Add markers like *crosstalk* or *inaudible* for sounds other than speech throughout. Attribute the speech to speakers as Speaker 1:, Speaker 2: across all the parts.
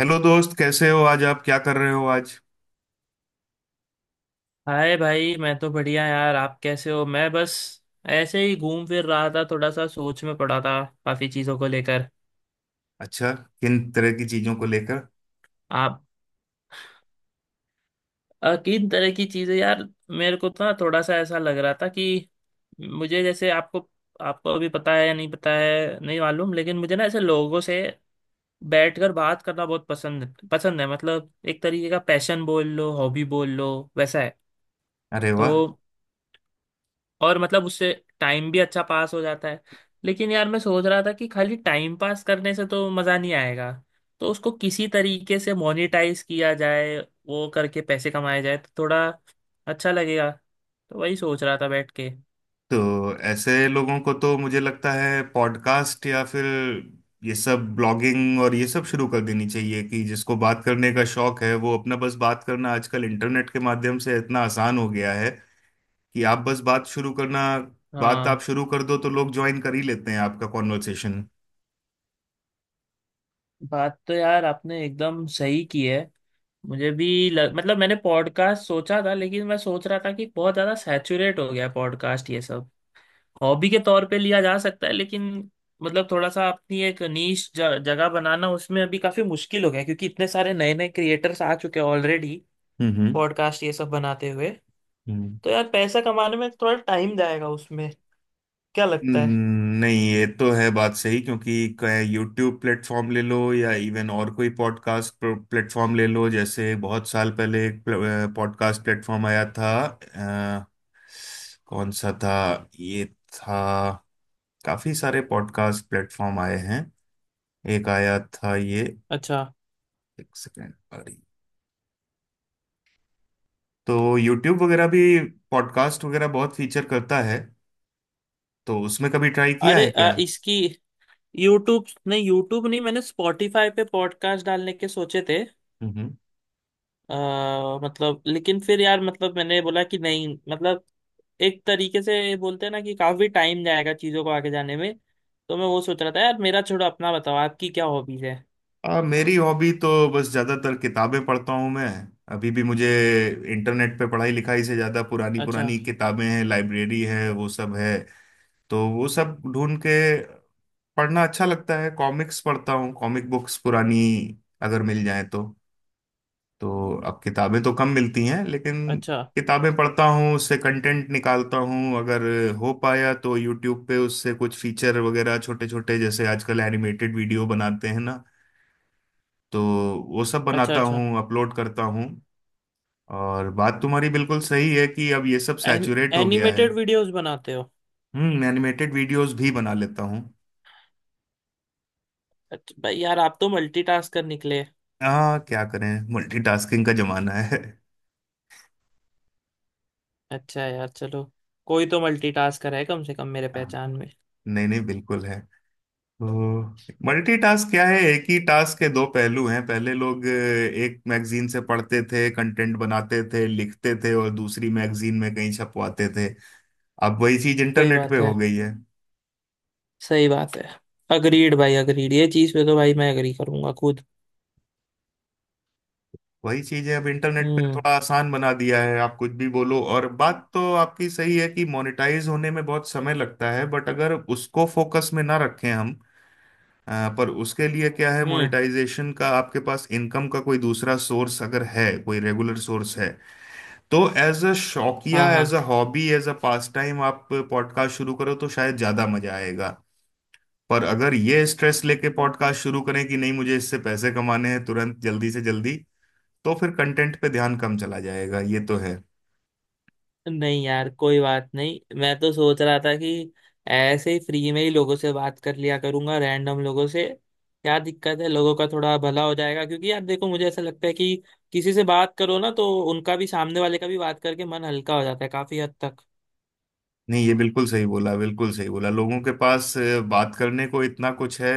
Speaker 1: Hello दोस्त, कैसे हो आज? आप क्या कर रहे हो आज?
Speaker 2: हाय भाई। मैं तो बढ़िया यार, आप कैसे हो। मैं बस ऐसे ही घूम फिर रहा था, थोड़ा सा सोच में पड़ा था काफी चीजों को लेकर।
Speaker 1: अच्छा। किन तरह की चीजों को लेकर?
Speaker 2: आप? किन तरह की चीजें यार। मेरे को तो ना थोड़ा सा ऐसा लग रहा था कि मुझे जैसे आपको आपको अभी पता है या नहीं पता है नहीं मालूम, लेकिन मुझे ना ऐसे लोगों से बैठकर बात करना बहुत पसंद पसंद है। मतलब एक तरीके का पैशन बोल लो, हॉबी बोल लो, वैसा है।
Speaker 1: अरे वाह।
Speaker 2: तो और मतलब उससे टाइम भी अच्छा पास हो जाता है। लेकिन यार मैं सोच रहा था कि खाली टाइम पास करने से तो मज़ा नहीं आएगा, तो उसको किसी तरीके से मोनेटाइज किया जाए, वो करके पैसे कमाए जाए तो थोड़ा अच्छा लगेगा। तो वही सोच रहा था बैठ के।
Speaker 1: तो ऐसे लोगों को तो मुझे लगता है पॉडकास्ट या फिर ये सब ब्लॉगिंग और ये सब शुरू कर देनी चाहिए कि जिसको बात करने का शौक है वो अपना बस बात करना आजकल इंटरनेट के माध्यम से इतना आसान हो गया है कि आप बस बात शुरू करना। बात आप
Speaker 2: हाँ,
Speaker 1: शुरू कर दो तो लोग ज्वाइन कर ही लेते हैं आपका कॉन्वर्सेशन।
Speaker 2: बात तो यार आपने एकदम सही की है। मतलब मैंने पॉडकास्ट सोचा था, लेकिन मैं सोच रहा था कि बहुत ज़्यादा सैचुरेट हो गया पॉडकास्ट ये सब। हॉबी के तौर पे लिया जा सकता है, लेकिन मतलब थोड़ा सा अपनी एक नीश जगह बनाना उसमें अभी काफी मुश्किल हो गया है, क्योंकि इतने सारे नए नए क्रिएटर्स आ चुके हैं ऑलरेडी
Speaker 1: हम्म,
Speaker 2: पॉडकास्ट ये सब बनाते हुए।
Speaker 1: हम्म,
Speaker 2: तो यार पैसा कमाने में थोड़ा टाइम जाएगा उसमें, क्या लगता है।
Speaker 1: नहीं ये तो है बात सही क्योंकि यूट्यूब प्लेटफॉर्म ले लो या इवन और कोई पॉडकास्ट प्लेटफॉर्म ले लो जैसे बहुत साल पहले एक पॉडकास्ट प्लेटफॉर्म आया था। अ, कौन सा था ये? था काफी सारे पॉडकास्ट प्लेटफॉर्म आए हैं। एक आया था ये।
Speaker 2: अच्छा।
Speaker 1: एक सेकेंड, अरे। तो यूट्यूब वगैरह भी पॉडकास्ट वगैरह बहुत फीचर करता है, तो उसमें कभी ट्राई किया
Speaker 2: अरे
Speaker 1: है क्या?
Speaker 2: इसकी यूट्यूब नहीं, मैंने स्पॉटिफाई पे पॉडकास्ट डालने के सोचे थे।
Speaker 1: हम्म,
Speaker 2: मतलब लेकिन फिर यार मतलब मैंने बोला कि नहीं, मतलब एक तरीके से बोलते हैं ना कि काफी टाइम जाएगा चीजों को आगे जाने में। तो मैं वो सोच रहा था। यार मेरा छोड़ो, अपना बताओ, आपकी क्या हॉबीज है।
Speaker 1: मेरी हॉबी तो बस ज़्यादातर किताबें पढ़ता हूँ मैं। अभी भी मुझे इंटरनेट पे पढ़ाई लिखाई से ज़्यादा पुरानी
Speaker 2: अच्छा
Speaker 1: पुरानी किताबें हैं, लाइब्रेरी है, वो सब है। तो वो सब ढूंढ के पढ़ना अच्छा लगता है। कॉमिक्स पढ़ता हूँ, कॉमिक बुक्स पुरानी अगर मिल जाए तो। तो अब किताबें तो कम मिलती हैं लेकिन
Speaker 2: अच्छा।
Speaker 1: किताबें पढ़ता हूँ, उससे कंटेंट निकालता हूँ। अगर हो पाया तो यूट्यूब पे उससे कुछ फीचर वगैरह छोटे छोटे, जैसे आजकल एनिमेटेड वीडियो बनाते हैं ना, तो वो सब
Speaker 2: अच्छा
Speaker 1: बनाता
Speaker 2: अच्छा।
Speaker 1: हूँ अपलोड करता हूँ। और बात तुम्हारी बिल्कुल सही है कि अब ये सब
Speaker 2: एन,
Speaker 1: सैचुरेट हो गया है।
Speaker 2: एनिमेटेड वीडियोस बनाते हो?
Speaker 1: हम्म, एनिमेटेड वीडियोस भी बना लेता हूँ।
Speaker 2: अच्छा भाई, यार आप तो मल्टीटास्कर निकले।
Speaker 1: हाँ, क्या करें, मल्टीटास्किंग का जमाना है।
Speaker 2: अच्छा यार चलो, कोई तो मल्टीटास्कर है कम से कम मेरे
Speaker 1: हाँ,
Speaker 2: पहचान में।
Speaker 1: नहीं नहीं बिल्कुल है। तो मल्टीटास्क क्या है? एक ही टास्क के दो पहलू हैं। पहले लोग एक मैगजीन से पढ़ते थे, कंटेंट बनाते थे, लिखते थे और दूसरी मैगजीन में कहीं छपवाते थे। अब वही चीज
Speaker 2: सही
Speaker 1: इंटरनेट पे
Speaker 2: बात
Speaker 1: हो
Speaker 2: है,
Speaker 1: गई है।
Speaker 2: सही बात है। अग्रीड भाई, अग्रीड। ये चीज पे तो भाई मैं अग्री करूंगा खुद।
Speaker 1: वही चीजें अब इंटरनेट पे
Speaker 2: हम्म
Speaker 1: थोड़ा आसान बना दिया है, आप कुछ भी बोलो। और बात तो आपकी सही है कि मोनेटाइज होने में बहुत समय लगता है, बट अगर उसको फोकस में ना रखें हम। पर उसके लिए क्या है,
Speaker 2: हम्म।
Speaker 1: मोनेटाइजेशन का आपके पास इनकम का कोई दूसरा सोर्स अगर है, कोई रेगुलर सोर्स है, तो एज अ
Speaker 2: हाँ
Speaker 1: शौकिया,
Speaker 2: हाँ।
Speaker 1: As a hobby, as a pastime आप पॉडकास्ट शुरू करो तो शायद ज्यादा मजा आएगा। पर अगर ये स्ट्रेस लेके पॉडकास्ट शुरू करें कि नहीं मुझे इससे पैसे कमाने हैं तुरंत, जल्दी से जल्दी, तो फिर कंटेंट पे ध्यान कम चला जाएगा, ये तो है।
Speaker 2: नहीं यार कोई बात नहीं, मैं तो सोच रहा था कि ऐसे ही फ्री में ही लोगों से बात कर लिया करूंगा रैंडम लोगों से। क्या दिक्कत है, लोगों का थोड़ा भला हो जाएगा, क्योंकि यार देखो मुझे ऐसा लगता है कि किसी से बात करो ना तो उनका भी, सामने वाले का भी बात करके मन हल्का हो जाता है काफी हद तक।
Speaker 1: नहीं, ये बिल्कुल सही बोला, बिल्कुल सही बोला। लोगों के पास बात करने को इतना कुछ है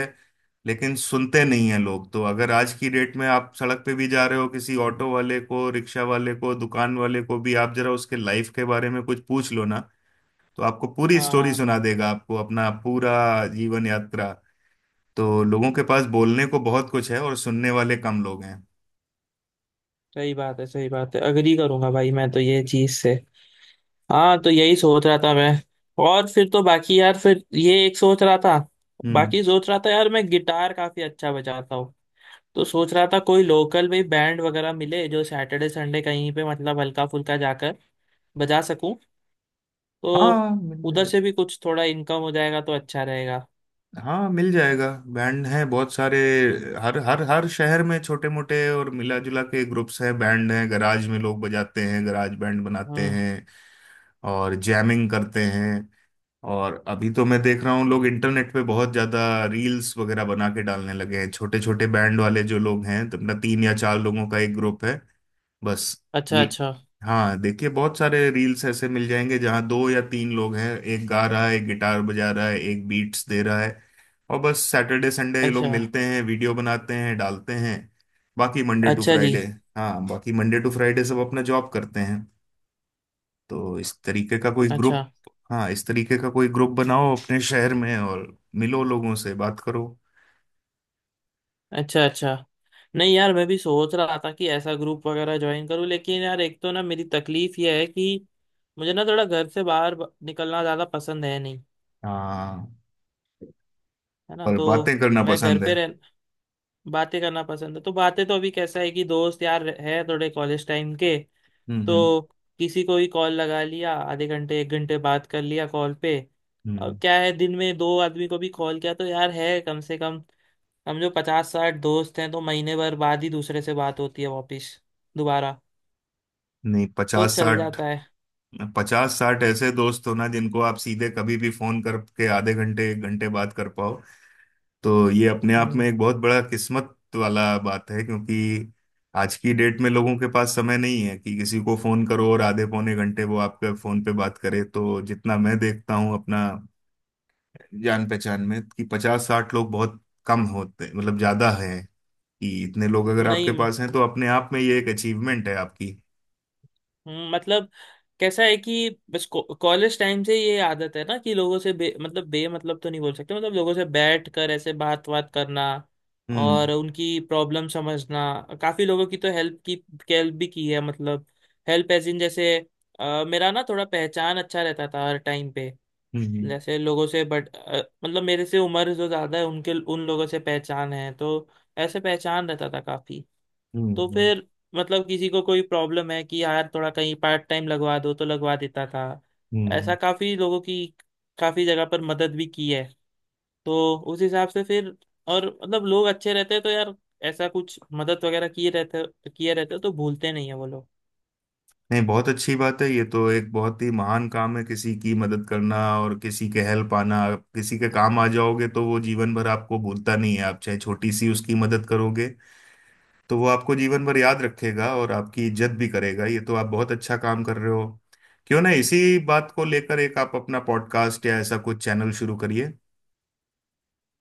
Speaker 1: लेकिन सुनते नहीं हैं लोग। तो अगर आज की डेट में आप सड़क पे भी जा रहे हो, किसी ऑटो वाले को, रिक्शा वाले को, दुकान वाले को भी आप जरा उसके लाइफ के बारे में कुछ पूछ लो ना, तो आपको पूरी
Speaker 2: हाँ
Speaker 1: स्टोरी
Speaker 2: हाँ।
Speaker 1: सुना देगा, आपको अपना पूरा जीवन यात्रा। तो लोगों के पास बोलने को बहुत कुछ है और सुनने वाले कम लोग हैं।
Speaker 2: सही बात है, सही बात है। अग्री करूंगा भाई मैं तो ये चीज से। हाँ, तो यही सोच रहा था मैं। और फिर तो बाकी यार फिर ये एक सोच रहा था,
Speaker 1: हम्म।
Speaker 2: बाकी सोच रहा था यार मैं गिटार काफी अच्छा बजाता हूँ। तो सोच रहा था कोई लोकल भी बैंड वगैरह मिले जो सैटरडे संडे कहीं पे मतलब हल्का फुल्का जाकर बजा सकूं। तो
Speaker 1: हाँ मिल
Speaker 2: उधर
Speaker 1: जाएगा।
Speaker 2: से भी कुछ थोड़ा इनकम हो जाएगा तो अच्छा रहेगा।
Speaker 1: हाँ मिल जाएगा। बैंड हैं बहुत सारे। हर हर हर शहर में छोटे मोटे और मिला जुला के ग्रुप्स हैं, बैंड हैं। गराज में लोग बजाते हैं, गराज बैंड बनाते
Speaker 2: हम्म।
Speaker 1: हैं और जैमिंग करते हैं। और अभी तो मैं देख रहा हूँ लोग इंटरनेट पे बहुत ज्यादा रील्स वगैरह बना के डालने लगे हैं। छोटे छोटे बैंड वाले जो लोग हैं, तो अपना तीन या चार लोगों का एक ग्रुप है बस।
Speaker 2: अच्छा
Speaker 1: री-
Speaker 2: अच्छा।
Speaker 1: हाँ देखिए, बहुत सारे रील्स ऐसे मिल जाएंगे जहाँ दो या तीन लोग हैं। एक गा रहा है, एक गिटार बजा रहा है, एक बीट्स दे रहा है। और बस सैटरडे संडे ये लोग
Speaker 2: अच्छा।
Speaker 1: मिलते हैं, वीडियो बनाते हैं, डालते हैं। बाकी मंडे टू
Speaker 2: अच्छा जी।
Speaker 1: फ्राइडे। हाँ, बाकी मंडे टू फ्राइडे सब अपना जॉब करते हैं। तो इस तरीके का कोई
Speaker 2: अच्छा
Speaker 1: ग्रुप। हाँ, इस तरीके का कोई ग्रुप बनाओ अपने शहर में और मिलो, लोगों से बात करो।
Speaker 2: अच्छा। अच्छा। नहीं यार, मैं भी सोच रहा था कि ऐसा ग्रुप वगैरह ज्वाइन करूं, लेकिन यार एक तो ना मेरी तकलीफ ये है कि मुझे ना थोड़ा घर से बाहर निकलना ज़्यादा पसंद है नहीं।
Speaker 1: हाँ।
Speaker 2: है ना,
Speaker 1: और
Speaker 2: तो
Speaker 1: बातें करना
Speaker 2: मैं घर
Speaker 1: पसंद है।
Speaker 2: पे रह बातें करना पसंद है। तो बातें तो अभी कैसा है कि दोस्त यार है थोड़े कॉलेज टाइम के,
Speaker 1: हम्म, हम्म,
Speaker 2: तो किसी को भी कॉल लगा लिया, आधे घंटे एक घंटे बात कर लिया कॉल पे। अब
Speaker 1: हम्म।
Speaker 2: क्या है, दिन में दो आदमी को भी कॉल किया तो यार है कम से कम। हम जो पचास साठ दोस्त हैं तो महीने भर बाद ही दूसरे से बात होती है वापिस दोबारा,
Speaker 1: नहीं,
Speaker 2: तो
Speaker 1: पचास
Speaker 2: चल
Speaker 1: साठ,
Speaker 2: जाता है।
Speaker 1: पचास साठ ऐसे दोस्त हो ना जिनको आप सीधे कभी भी फोन करके आधे घंटे एक घंटे बात कर पाओ, तो ये अपने आप में
Speaker 2: हम्म।
Speaker 1: एक बहुत बड़ा किस्मत वाला बात है क्योंकि आज की डेट में लोगों के पास समय नहीं है कि किसी को फोन करो और आधे पौने घंटे वो आपके फोन पे बात करे। तो जितना मैं देखता हूँ, अपना जान पहचान में कि पचास साठ लोग बहुत कम होते, मतलब ज्यादा है कि इतने लोग अगर आपके
Speaker 2: नहीं।
Speaker 1: पास हैं तो अपने आप में ये एक अचीवमेंट है आपकी।
Speaker 2: मतलब कैसा है कि बस कॉलेज टाइम से ये आदत है ना कि लोगों से बे मतलब तो नहीं बोल सकते, मतलब लोगों से बैठ कर ऐसे बात बात करना
Speaker 1: हम्म,
Speaker 2: और उनकी प्रॉब्लम समझना। काफी लोगों की तो हेल्प की, हेल्प भी की है। मतलब हेल्प एज इन जैसे, मेरा ना थोड़ा पहचान अच्छा रहता था हर टाइम पे
Speaker 1: हम्म,
Speaker 2: जैसे लोगों से, बट मतलब मेरे से उम्र जो ज्यादा है उनके, उन लोगों से पहचान है, तो ऐसे पहचान रहता था काफी।
Speaker 1: हम्म,
Speaker 2: तो
Speaker 1: हम्म,
Speaker 2: फिर मतलब किसी को कोई प्रॉब्लम है कि यार थोड़ा कहीं पार्ट टाइम लगवा दो तो लगवा देता था।
Speaker 1: हम्म।
Speaker 2: ऐसा काफी लोगों की, काफी जगह पर मदद भी की है। तो उस हिसाब से फिर, और मतलब लोग अच्छे रहते हैं तो यार ऐसा कुछ मदद वगैरह किए रहते हैं, तो भूलते नहीं है वो लोग।
Speaker 1: नहीं, बहुत अच्छी बात है, ये तो एक बहुत ही महान काम है किसी की मदद करना। और किसी के हेल्प आना, आप किसी के काम आ जाओगे तो वो जीवन भर आपको भूलता नहीं है। आप चाहे छोटी सी उसकी मदद करोगे, तो वो आपको जीवन भर याद रखेगा और आपकी इज्जत भी करेगा। ये तो आप बहुत अच्छा काम कर रहे हो। क्यों ना इसी बात को लेकर एक आप अपना पॉडकास्ट या ऐसा कुछ चैनल शुरू करिए?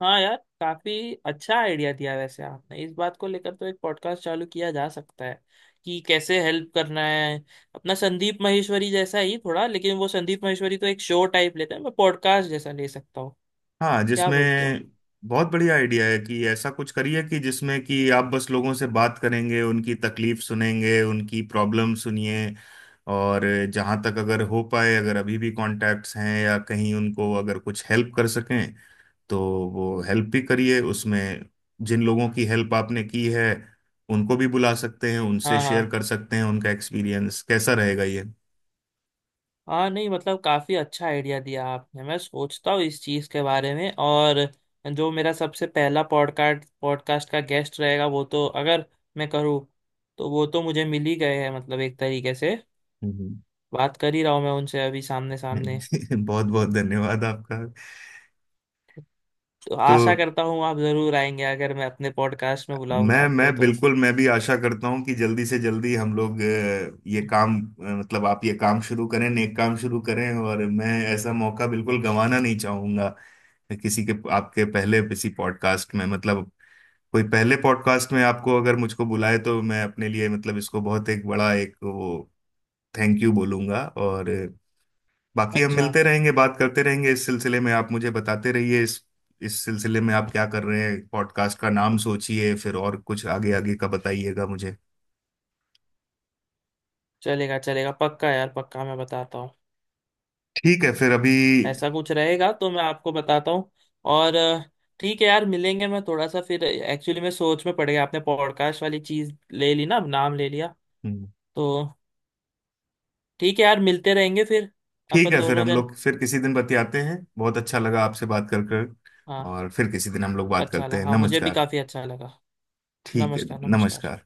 Speaker 2: हाँ यार, काफी अच्छा आइडिया दिया वैसे आपने। इस बात को लेकर तो एक पॉडकास्ट चालू किया जा सकता है कि कैसे हेल्प करना है। अपना संदीप माहेश्वरी जैसा ही थोड़ा, लेकिन वो संदीप माहेश्वरी तो एक शो टाइप लेते हैं, मैं पॉडकास्ट जैसा ले सकता हूँ।
Speaker 1: हाँ,
Speaker 2: क्या
Speaker 1: जिसमें
Speaker 2: बोलते हो?
Speaker 1: बहुत बढ़िया आइडिया है कि ऐसा कुछ करिए कि जिसमें कि आप बस लोगों से बात करेंगे, उनकी तकलीफ सुनेंगे, उनकी प्रॉब्लम सुनिए। और जहाँ तक अगर हो पाए, अगर अभी भी कॉन्टैक्ट्स हैं या कहीं उनको अगर कुछ हेल्प कर सकें, तो वो हेल्प भी करिए उसमें। जिन लोगों की हेल्प आपने की है उनको भी बुला सकते हैं, उनसे
Speaker 2: हाँ
Speaker 1: शेयर
Speaker 2: हाँ।
Speaker 1: कर सकते हैं उनका एक्सपीरियंस कैसा रहेगा ये।
Speaker 2: हाँ नहीं, मतलब काफी अच्छा आइडिया दिया आपने। मैं सोचता हूँ इस चीज के बारे में। और जो मेरा सबसे पहला पॉडकास्ट पॉडकास्ट का गेस्ट रहेगा, वो तो अगर मैं करूँ तो वो तो मुझे मिल ही गए हैं, मतलब एक तरीके से
Speaker 1: हम्म।
Speaker 2: बात कर ही रहा हूँ मैं उनसे अभी सामने सामने।
Speaker 1: *laughs* बहुत बहुत धन्यवाद आपका।
Speaker 2: तो
Speaker 1: तो
Speaker 2: आशा करता हूँ आप जरूर आएंगे, अगर मैं अपने पॉडकास्ट में बुलाऊंगा
Speaker 1: मैं
Speaker 2: आपको
Speaker 1: मैं
Speaker 2: तो।
Speaker 1: बिल्कुल, मैं भी आशा करता हूँ कि जल्दी से जल्दी हम लोग ये काम, मतलब आप ये काम शुरू करें, नेक काम शुरू करें और मैं ऐसा मौका बिल्कुल गंवाना नहीं चाहूंगा। किसी के आपके पहले किसी पॉडकास्ट में, मतलब कोई पहले पॉडकास्ट में आपको अगर मुझको बुलाए, तो मैं अपने लिए मतलब इसको बहुत एक बड़ा एक वो थैंक यू बोलूंगा। और बाकी हम
Speaker 2: अच्छा,
Speaker 1: मिलते रहेंगे, बात करते रहेंगे इस सिलसिले में। आप मुझे बताते रहिए इस सिलसिले में आप क्या कर रहे हैं। पॉडकास्ट का नाम सोचिए फिर और कुछ आगे आगे का बताइएगा मुझे।
Speaker 2: चलेगा चलेगा, पक्का यार पक्का, मैं बताता हूँ।
Speaker 1: ठीक है फिर अभी।
Speaker 2: ऐसा कुछ रहेगा तो मैं आपको बताता हूँ। और ठीक है यार, मिलेंगे। मैं थोड़ा सा फिर एक्चुअली मैं सोच में पड़ गया, आपने पॉडकास्ट वाली चीज़ ले ली ना, नाम ले लिया
Speaker 1: हम्म,
Speaker 2: तो। ठीक है यार, मिलते रहेंगे फिर
Speaker 1: ठीक
Speaker 2: अपन
Speaker 1: है फिर
Speaker 2: दोनों
Speaker 1: हम
Speaker 2: जन।
Speaker 1: लोग फिर किसी दिन बतियाते हैं। बहुत अच्छा लगा आपसे बात कर कर।
Speaker 2: हाँ,
Speaker 1: और फिर किसी दिन हम लोग बात
Speaker 2: अच्छा
Speaker 1: करते
Speaker 2: लगा।
Speaker 1: हैं।
Speaker 2: हाँ मुझे भी
Speaker 1: नमस्कार।
Speaker 2: काफ़ी अच्छा लगा।
Speaker 1: ठीक है।
Speaker 2: नमस्कार नमस्कार।
Speaker 1: नमस्कार।